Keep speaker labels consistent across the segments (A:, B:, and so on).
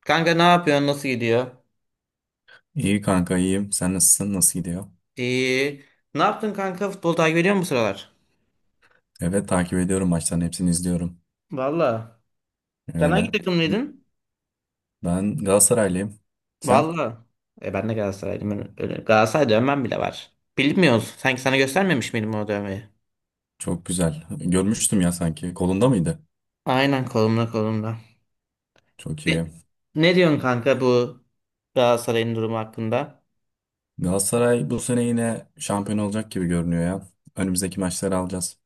A: Kanka ne yapıyorsun? Nasıl gidiyor?
B: İyi kanka iyiyim. Sen nasılsın? Nasıl gidiyor?
A: İyi. Ne yaptın kanka? Futbol takip ediyor musun bu sıralar?
B: Evet takip ediyorum, maçların hepsini izliyorum.
A: Valla. Sen hangi
B: Öyle.
A: takımlıydın?
B: Ben Galatasaraylıyım. Sen?
A: Valla. E, ben de Galatasaraylıyım. Ben öyle, Galatasaray dövmem bile var. Bilmiyoruz. Sanki sana göstermemiş miydim o dövmeyi?
B: Çok güzel. Görmüştüm ya sanki. Kolunda mıydı?
A: Aynen, kolumda kolumda.
B: Çok
A: Ne,
B: iyi.
A: ne diyorsun kanka bu Galatasaray'ın durumu hakkında?
B: Galatasaray bu sene yine şampiyon olacak gibi görünüyor ya. Önümüzdeki maçları alacağız.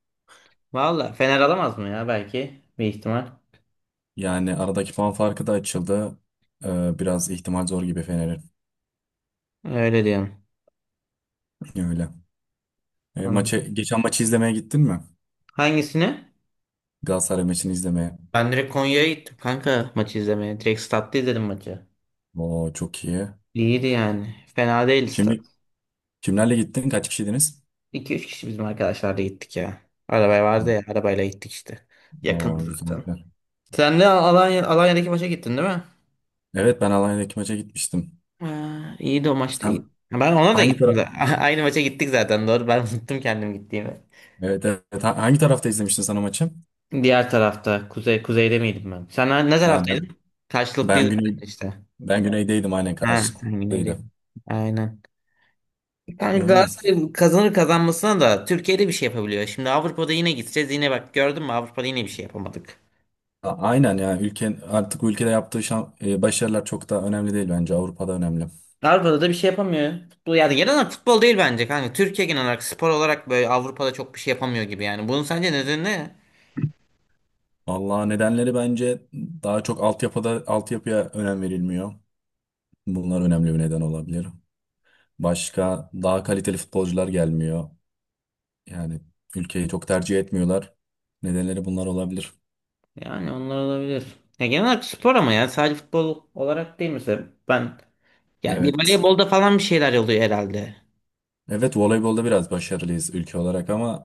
A: Valla Fener alamaz mı ya, belki? Bir ihtimal.
B: Yani aradaki puan farkı da açıldı. Biraz ihtimal zor gibi Fener'in.
A: Öyle diyorum.
B: Öyle.
A: Anladım.
B: Geçen maçı izlemeye gittin mi?
A: Hangisini?
B: Galatasaray maçını izlemeye.
A: Ben direkt Konya'ya gittim kanka, maçı izlemeye. Direkt statta izledim maçı.
B: Oo, çok iyi.
A: İyiydi yani. Fena değiliz tabii.
B: Kim, Kimlerle gittin? Kaç kişiydiniz?
A: iki üç kişi bizim arkadaşlarla gittik ya. Arabaya vardı ya. Arabayla gittik işte.
B: Oo,
A: Yakındı
B: güzel,
A: zaten.
B: güzel.
A: Sen de Alanya'daki maça gittin değil mi?
B: Evet, ben Alanya'daki maça gitmiştim.
A: Ha, iyiydi, o maç da
B: Sen
A: iyiydi. Ben ona da
B: hangi
A: gittim
B: taraf?
A: de. Aynı maça gittik zaten, doğru. Ben unuttum kendim gittiğimi.
B: Evet, evet. Hangi tarafta izlemiştin sen o maçı?
A: Diğer tarafta. Kuzeyde miydim ben? Sen ne
B: Ha, ben,
A: taraftaydın?
B: ben
A: Karşılıklıydık
B: güney
A: işte.
B: ben güneydeydim, aynen,
A: Ha, sen
B: karşılıklıydı.
A: güneydeydin. Aynen. Yani
B: Öyle.
A: Galatasaray kazanır kazanmasına da, Türkiye'de bir şey yapabiliyor. Şimdi Avrupa'da yine gideceğiz. Yine bak, gördün mü, Avrupa'da yine bir şey yapamadık.
B: Aynen, yani ülke, artık bu ülkede yaptığı başarılar çok da önemli değil, bence Avrupa'da önemli.
A: Avrupa'da da bir şey yapamıyor ya. Futbol yani, genel olarak futbol değil bence kanka. Türkiye genel olarak spor olarak böyle Avrupa'da çok bir şey yapamıyor gibi yani. Bunun sence nedeni ne?
B: Vallahi nedenleri, bence daha çok altyapıya önem verilmiyor. Bunlar önemli bir neden olabilir. Başka daha kaliteli futbolcular gelmiyor. Yani ülkeyi çok tercih etmiyorlar. Nedenleri bunlar olabilir.
A: Yani onlar olabilir. Ya genel olarak spor, ama ya sadece futbol olarak değil mesela. Ben yani bir
B: Evet.
A: voleybolda falan bir şeyler oluyor herhalde.
B: Evet, voleybolda biraz başarılıyız ülke olarak, ama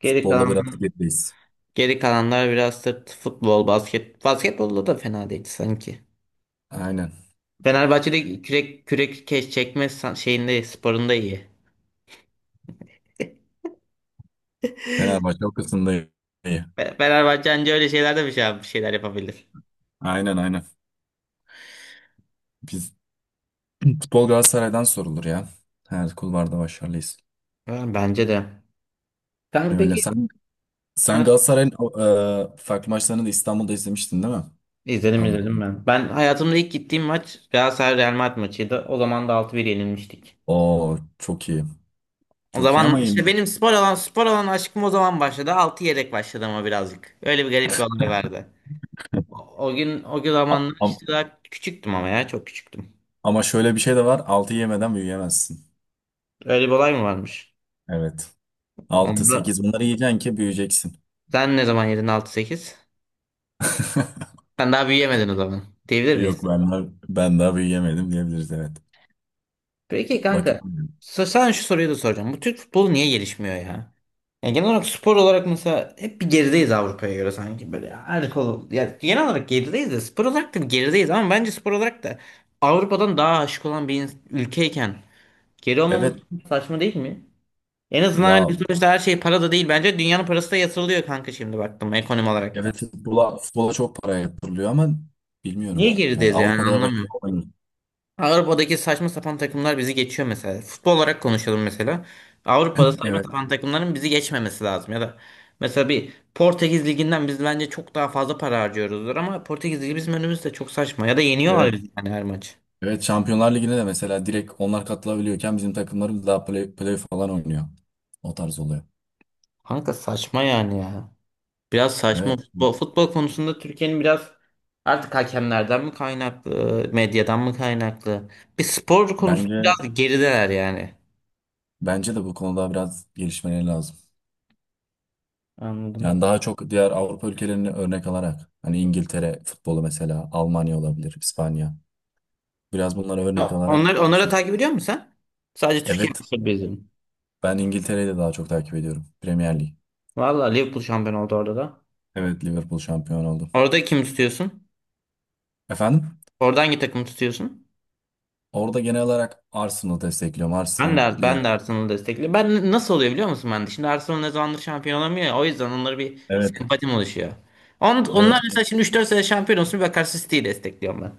A: Geri
B: futbolda biraz
A: kalan
B: gerideyiz.
A: geri kalanlar biraz da futbol, basket. Basketbolda da fena değil sanki.
B: Aynen.
A: Fenerbahçe'de kürek kürek, keş çekme san- şeyinde sporunda iyi.
B: Fenerbahçe o kısımda iyi.
A: Fenerbahçe anca öyle şeylerde bir şeyler yapabilir.
B: Aynen, aynen. Biz futbol Galatasaray'dan sorulur ya. Her kulvarda başarılıyız.
A: Yani bence de. Kanka
B: Öyle.
A: peki.
B: Sen
A: Heh,
B: Galatasaray'ın farklı maçlarını da İstanbul'da izlemiştin değil mi?
A: izledim
B: Avrupa.
A: izledim ben. Ben hayatımda ilk gittiğim maç Galatasaray Real Madrid maçıydı. O zaman da 6-1 yenilmiştik.
B: Oo, çok iyi.
A: O
B: Çok iyi,
A: zaman
B: ama
A: işte
B: yenilmiş.
A: benim spor alan aşkım o zaman başladı. 6 yedek başladı ama birazcık. Öyle bir garip bir olay vardı. O, o
B: A-
A: zamanlar
B: am-
A: işte daha küçüktüm, ama ya çok küçüktüm.
B: Ama şöyle bir şey de var: 6 yemeden büyüyemezsin.
A: Öyle bir olay mı varmış?
B: Evet. Altı,
A: Onda
B: sekiz, bunları yiyeceksin ki büyüyeceksin.
A: sen ne zaman yedin altı sekiz? Sen daha büyüyemedin o zaman, diyebilir
B: Yok
A: miyiz?
B: ben daha, ben daha büyüyemedim diyebiliriz, evet.
A: Peki kanka.
B: Bakalım.
A: Sana şu soruyu da soracağım. Bu Türk futbolu niye gelişmiyor ya? Yani genel olarak spor olarak mesela, hep bir gerideyiz Avrupa'ya göre, sanki böyle her konu. Yani genel olarak gerideyiz de, spor olarak da bir gerideyiz, ama bence spor olarak da Avrupa'dan daha aşık olan bir ülkeyken geri olmamız
B: Evet
A: saçma değil mi? En azından
B: ya,
A: hani sonuçta her şey para da değil. Bence dünyanın parası da yatırılıyor kanka, şimdi baktım ekonomi olarak
B: evet,
A: da.
B: futbola çok para yatırılıyor ama
A: Niye
B: bilmiyorum. Yani
A: gerideyiz yani,
B: Avrupa kadar
A: anlamıyorum.
B: başarılı olamıyoruz.
A: Avrupa'daki saçma sapan takımlar bizi geçiyor mesela. Futbol olarak konuşalım mesela. Avrupa'da saçma
B: Evet,
A: sapan takımların bizi geçmemesi lazım. Ya da mesela bir Portekiz Ligi'nden biz bence çok daha fazla para harcıyoruzdur, ama Portekiz Ligi bizim önümüzde, çok saçma. Ya da yeniyorlar
B: evet.
A: bizi yani, her maç.
B: Evet, Şampiyonlar Ligi'ne de mesela direkt onlar katılabiliyorken, bizim takımlarımız daha play falan oynuyor. O tarz oluyor.
A: Kanka saçma yani ya. Biraz saçma
B: Evet,
A: futbol. Futbol konusunda Türkiye'nin biraz, artık hakemlerden mi kaynaklı, medyadan mı kaynaklı? Bir spor konusunda
B: bence
A: biraz gerideler yani.
B: bence de bu konuda biraz gelişmeleri lazım.
A: Anladım.
B: Yani daha çok diğer Avrupa ülkelerini örnek alarak, hani İngiltere futbolu, mesela Almanya olabilir, İspanya. Biraz bunları örnek alarak.
A: Onları da takip ediyor musun sen? Sadece Türkiye
B: Evet,
A: maçları beziyorum.
B: ben İngiltere'yi de daha çok takip ediyorum. Premier Lig.
A: Valla Liverpool şampiyon oldu orada da.
B: Evet, Liverpool şampiyon oldu.
A: Orada kim tutuyorsun?
B: Efendim?
A: Orada hangi takımı tutuyorsun?
B: Orada genel olarak Arsenal destekliyorum.
A: Ben
B: Arsenal,
A: de,
B: Liverpool.
A: ben de Arsenal'ı destekliyorum. Ben nasıl oluyor biliyor musun ben de? Şimdi Arsenal ne zamandır şampiyon olamıyor ya. O yüzden onlara bir
B: Evet.
A: sempatim oluşuyor. On,
B: Evet.
A: onlar mesela, şimdi 3-4 sene şampiyon olsun, bir bakarsın City'yi destekliyorum ben.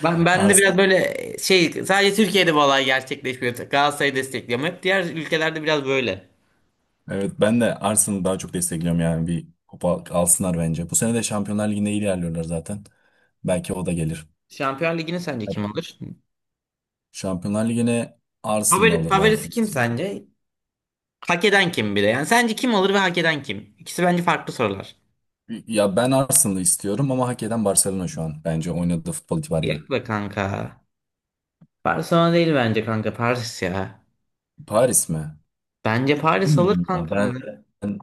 A: Ben, ben de biraz
B: Arsenal.
A: böyle şey, sadece Türkiye'de bu olay gerçekleşmiyor. Galatasaray'ı destekliyorum. Hep diğer ülkelerde biraz böyle.
B: Evet, ben de Arsenal'ı daha çok destekliyorum, yani bir kupa alsınlar bence. Bu sene de Şampiyonlar Ligi'nde iyi ilerliyorlar zaten. Belki o da gelir.
A: Şampiyon Ligi'ni sence kim alır?
B: Şampiyonlar Ligi'ne Arsenal
A: Favori,
B: alır
A: favorisi
B: bence.
A: kim sence? Hak eden kim bir de? Yani sence kim alır ve hak eden kim? İkisi bence farklı sorular.
B: Ya ben Arsenal'ı istiyorum, ama hak eden Barcelona şu an, bence oynadığı futbol
A: Yok
B: itibariyle.
A: be kanka. Barcelona değil bence kanka. Paris ya.
B: Paris mi?
A: Bence Paris alır
B: Bilmiyorum ya.
A: kanka.
B: Ben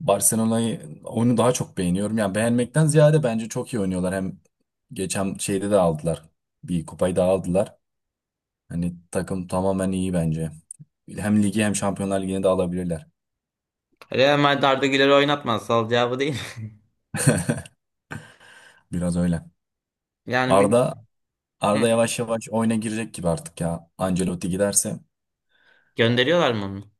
B: Barcelona'yı, oyunu daha çok beğeniyorum. Yani beğenmekten ziyade bence çok iyi oynuyorlar. Hem geçen şeyde de aldılar. Bir kupayı da aldılar. Hani takım tamamen iyi bence. Hem ligi hem Şampiyonlar Ligi'ni de alabilirler.
A: Real Madrid Arda Güler'i oynatmaz. Sal cevabı değil.
B: Biraz öyle.
A: Yani bil-
B: Arda
A: Hı.
B: Arda yavaş yavaş oyuna girecek gibi artık ya. Ancelotti giderse
A: Gönderiyorlar mı onu?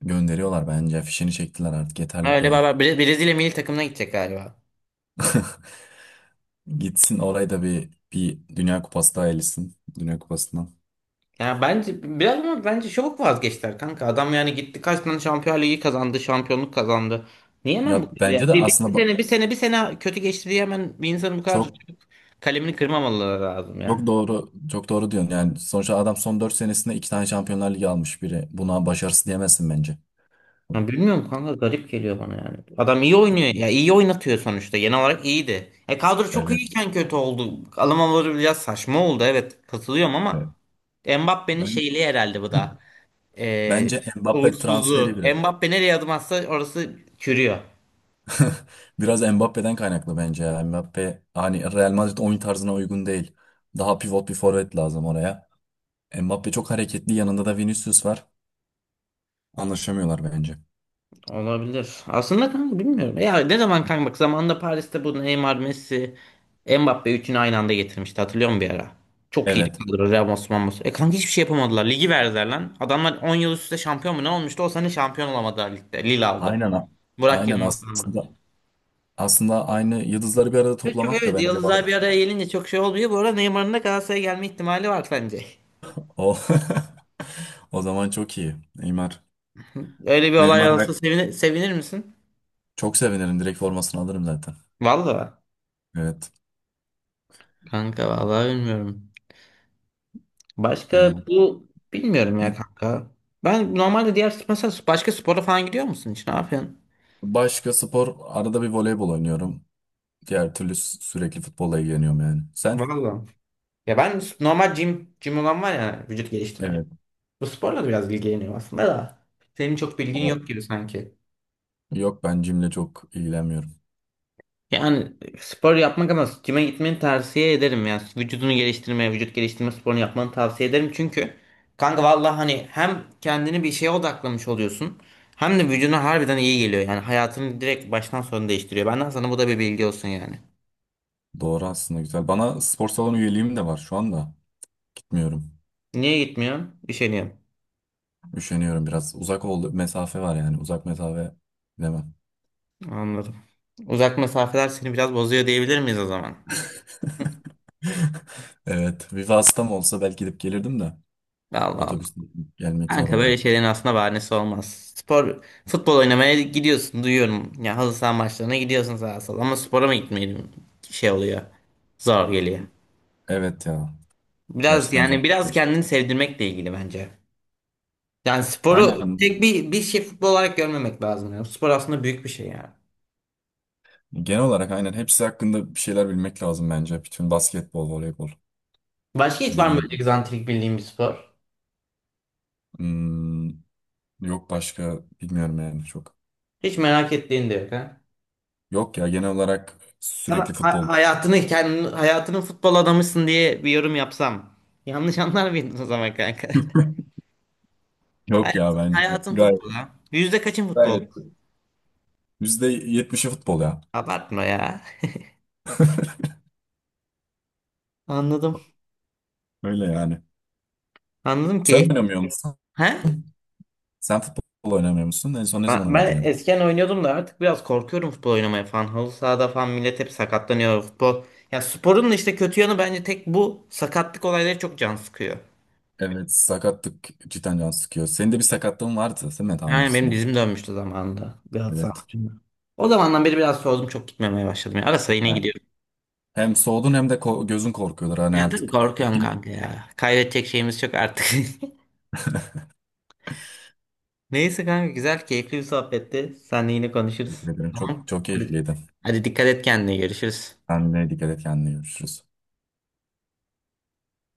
B: gönderiyorlar bence. Fişini çektiler, artık
A: Ha,
B: yeterli bu
A: öyle
B: kadar.
A: baba. Brezilya milli takımına gidecek galiba.
B: Gitsin, orayı da bir bir Dünya Kupası daha elitsin. Dünya Kupası'ndan.
A: Yani bence biraz, ama bence çabuk vazgeçtiler kanka. Adam yani gitti, kaç tane Şampiyonlar Ligi kazandı, şampiyonluk kazandı. Niye hemen bu
B: Ya
A: kadar ya?
B: bence de
A: Bir, bir, bir
B: aslında ba-
A: sene bir sene bir sene kötü geçti diye hemen bir insanın bu kadar
B: çok
A: çabuk kalemini kırmamaları lazım
B: Çok
A: ya.
B: doğru, çok doğru diyorsun. Yani sonuçta adam son 4 senesinde 2 tane Şampiyonlar Ligi almış biri. Buna başarısı diyemezsin bence.
A: Ya bilmiyorum kanka, garip geliyor bana yani. Adam iyi oynuyor ya, iyi oynatıyor, sonuçta genel olarak iyiydi. E, kadro çok
B: Evet,
A: iyiyken kötü oldu. Alımları biraz saçma oldu, evet katılıyorum,
B: evet.
A: ama Mbappé'nin
B: Ben
A: şeyliği herhalde bu da. E,
B: bence Mbappe transferi
A: Uğursuzluğu.
B: biraz.
A: Mbappé nereye adım atsa orası çürüyor.
B: Biraz Mbappe'den kaynaklı bence ya. Mbappe hani Real Madrid oyun tarzına uygun değil. Daha pivot bir forvet lazım oraya. Mbappe çok hareketli. Yanında da Vinicius var. Anlaşamıyorlar bence.
A: Olabilir. Aslında kanka bilmiyorum. Ya ne zaman kanka bak, zamanında Paris'te bu Neymar, Messi, Mbappe üçünü aynı anda getirmişti. Hatırlıyor musun bir ara? Çok iyiydi
B: Evet.
A: kadro. Ramos, Ramos. E kanka, hiçbir şey yapamadılar. Ligi verdiler lan. Adamlar 10 yıl üst üste şampiyon mu ne olmuştu? O sene şampiyon olamadılar ligde. Lille aldı.
B: Aynen.
A: Burak
B: Aynen
A: Yılmaz aldı.
B: aslında. Aslında aynı yıldızları bir arada
A: Ve çok,
B: toplamak da
A: evet,
B: bence
A: yıldızlar
B: bazı.
A: bir araya gelince çok şey olmuyor. Bu arada Neymar'ın da Galatasaray'a gelme ihtimali var sence.
B: O. O zaman çok iyi. Neymar.
A: Öyle bir olay
B: Neymar,
A: olsa
B: evet.
A: sevinir misin?
B: Çok sevinirim. Direkt formasını alırım zaten.
A: Vallahi
B: Evet.
A: kanka, vallahi bilmiyorum. Başka
B: Yani
A: bu, bilmiyorum ya kanka. Ben normalde, diğer mesela, başka spora falan gidiyor musun hiç? Ne yapıyorsun?
B: başka spor, arada bir voleybol oynuyorum. Diğer türlü sürekli futbolla ilgileniyorum yani. Sen?
A: Valla. Ya ben normal gym olan var ya, vücut geliştirme.
B: Evet.
A: Bu sporla da biraz ilgileniyorum aslında da. Senin çok bilgin
B: O.
A: yok gibi sanki.
B: Yok, ben jimle çok ilgilenmiyorum.
A: Yani spor yapmak, ama cime gitmeni tavsiye ederim yani, vücudunu geliştirmeye, vücut geliştirme sporunu yapmanı tavsiye ederim çünkü kanka vallahi, hani hem kendini bir şeye odaklamış oluyorsun, hem de vücuduna harbiden iyi geliyor, yani hayatını direkt baştan sona değiştiriyor. Benden sana bu da bir bilgi olsun yani.
B: Doğru aslında, güzel. Bana spor salonu üyeliğim de var şu anda. Gitmiyorum.
A: Niye gitmiyorsun? Üşeniyorum.
B: Üşeniyorum biraz. Uzak oldu. Mesafe var yani. Uzak mesafe demem.
A: Anladım. Uzak mesafeler seni biraz bozuyor diyebilir miyiz o zaman?
B: Evet. Viva hastam olsa belki gidip gelirdim de.
A: Allah Allah.
B: Otobüsle gelmek zor
A: Kanka
B: oluyor.
A: böyle şeylerin aslında bahanesi olmaz. Spor, futbol oynamaya gidiyorsun, duyuyorum. Ya halı saha maçlarına gidiyorsun sağa sola, ama spora mı gitmeyelim, şey oluyor. Zor geliyor.
B: Evet ya.
A: Biraz
B: Gerçekten zor.
A: yani biraz kendini sevdirmekle ilgili bence. Yani sporu
B: Aynen.
A: tek bir şey, futbol olarak görmemek lazım ya. Spor aslında büyük bir şey yani.
B: Genel olarak aynen. Hepsi hakkında bir şeyler bilmek lazım bence. Bütün basketbol, voleybol.
A: Başka hiç var mı
B: Dediğin
A: böyle
B: gibi.
A: egzantrik bildiğin bir spor?
B: Hmm, Yok, başka bilmiyorum yani çok.
A: Hiç merak ettiğin de yok ha?
B: Yok ya, genel olarak sürekli
A: Sana
B: futbol.
A: hayatının futbol adamısın diye bir yorum yapsam yanlış anlar mıydın o zaman kanka?
B: Yok ya,
A: Hayatın,
B: bence.
A: hayatın futbolu,
B: Gayet.
A: ha. Yüzde kaçın futbol?
B: Gayet. %70'i futbol ya.
A: Abartma ya. Anladım.
B: Öyle yani.
A: Anladım
B: Sen
A: ki.
B: oynamıyor musun?
A: He?
B: Sen futbol oynamıyor musun? En son ne
A: Ben
B: zaman oynadın
A: ben
B: ya da?
A: eskiden oynuyordum da, artık biraz korkuyorum futbol oynamaya falan. Halı sahada falan millet hep sakatlanıyor, futbol. Ya sporun da işte kötü yanı bence tek, bu sakatlık olayları çok can sıkıyor.
B: Evet, sakatlık cidden can sıkıyor. Senin de bir sakatlığın vardı değil mi daha
A: Yani benim
B: öncesinde?
A: dizim dönmüştü zamanında. Galatasaray
B: Evet.
A: maçında. O zamandan beri biraz soğudum, çok gitmemeye başladım. Ya. Ara sıra yine gidiyorum.
B: Hem soğudun hem de gözün korkuyorlar. Hani
A: Ya tabii
B: artık
A: korkuyorum
B: film.
A: kanka ya. Kaybedecek şeyimiz çok artık. Neyse kanka, güzel keyifli bir sohbetti. Seninle yine konuşuruz.
B: Teşekkür ederim. Çok
A: Tamam.
B: çok
A: Hadi,
B: keyifliydi.
A: hadi dikkat et kendine, görüşürüz.
B: Sen de dikkat et kendine, görüşürüz.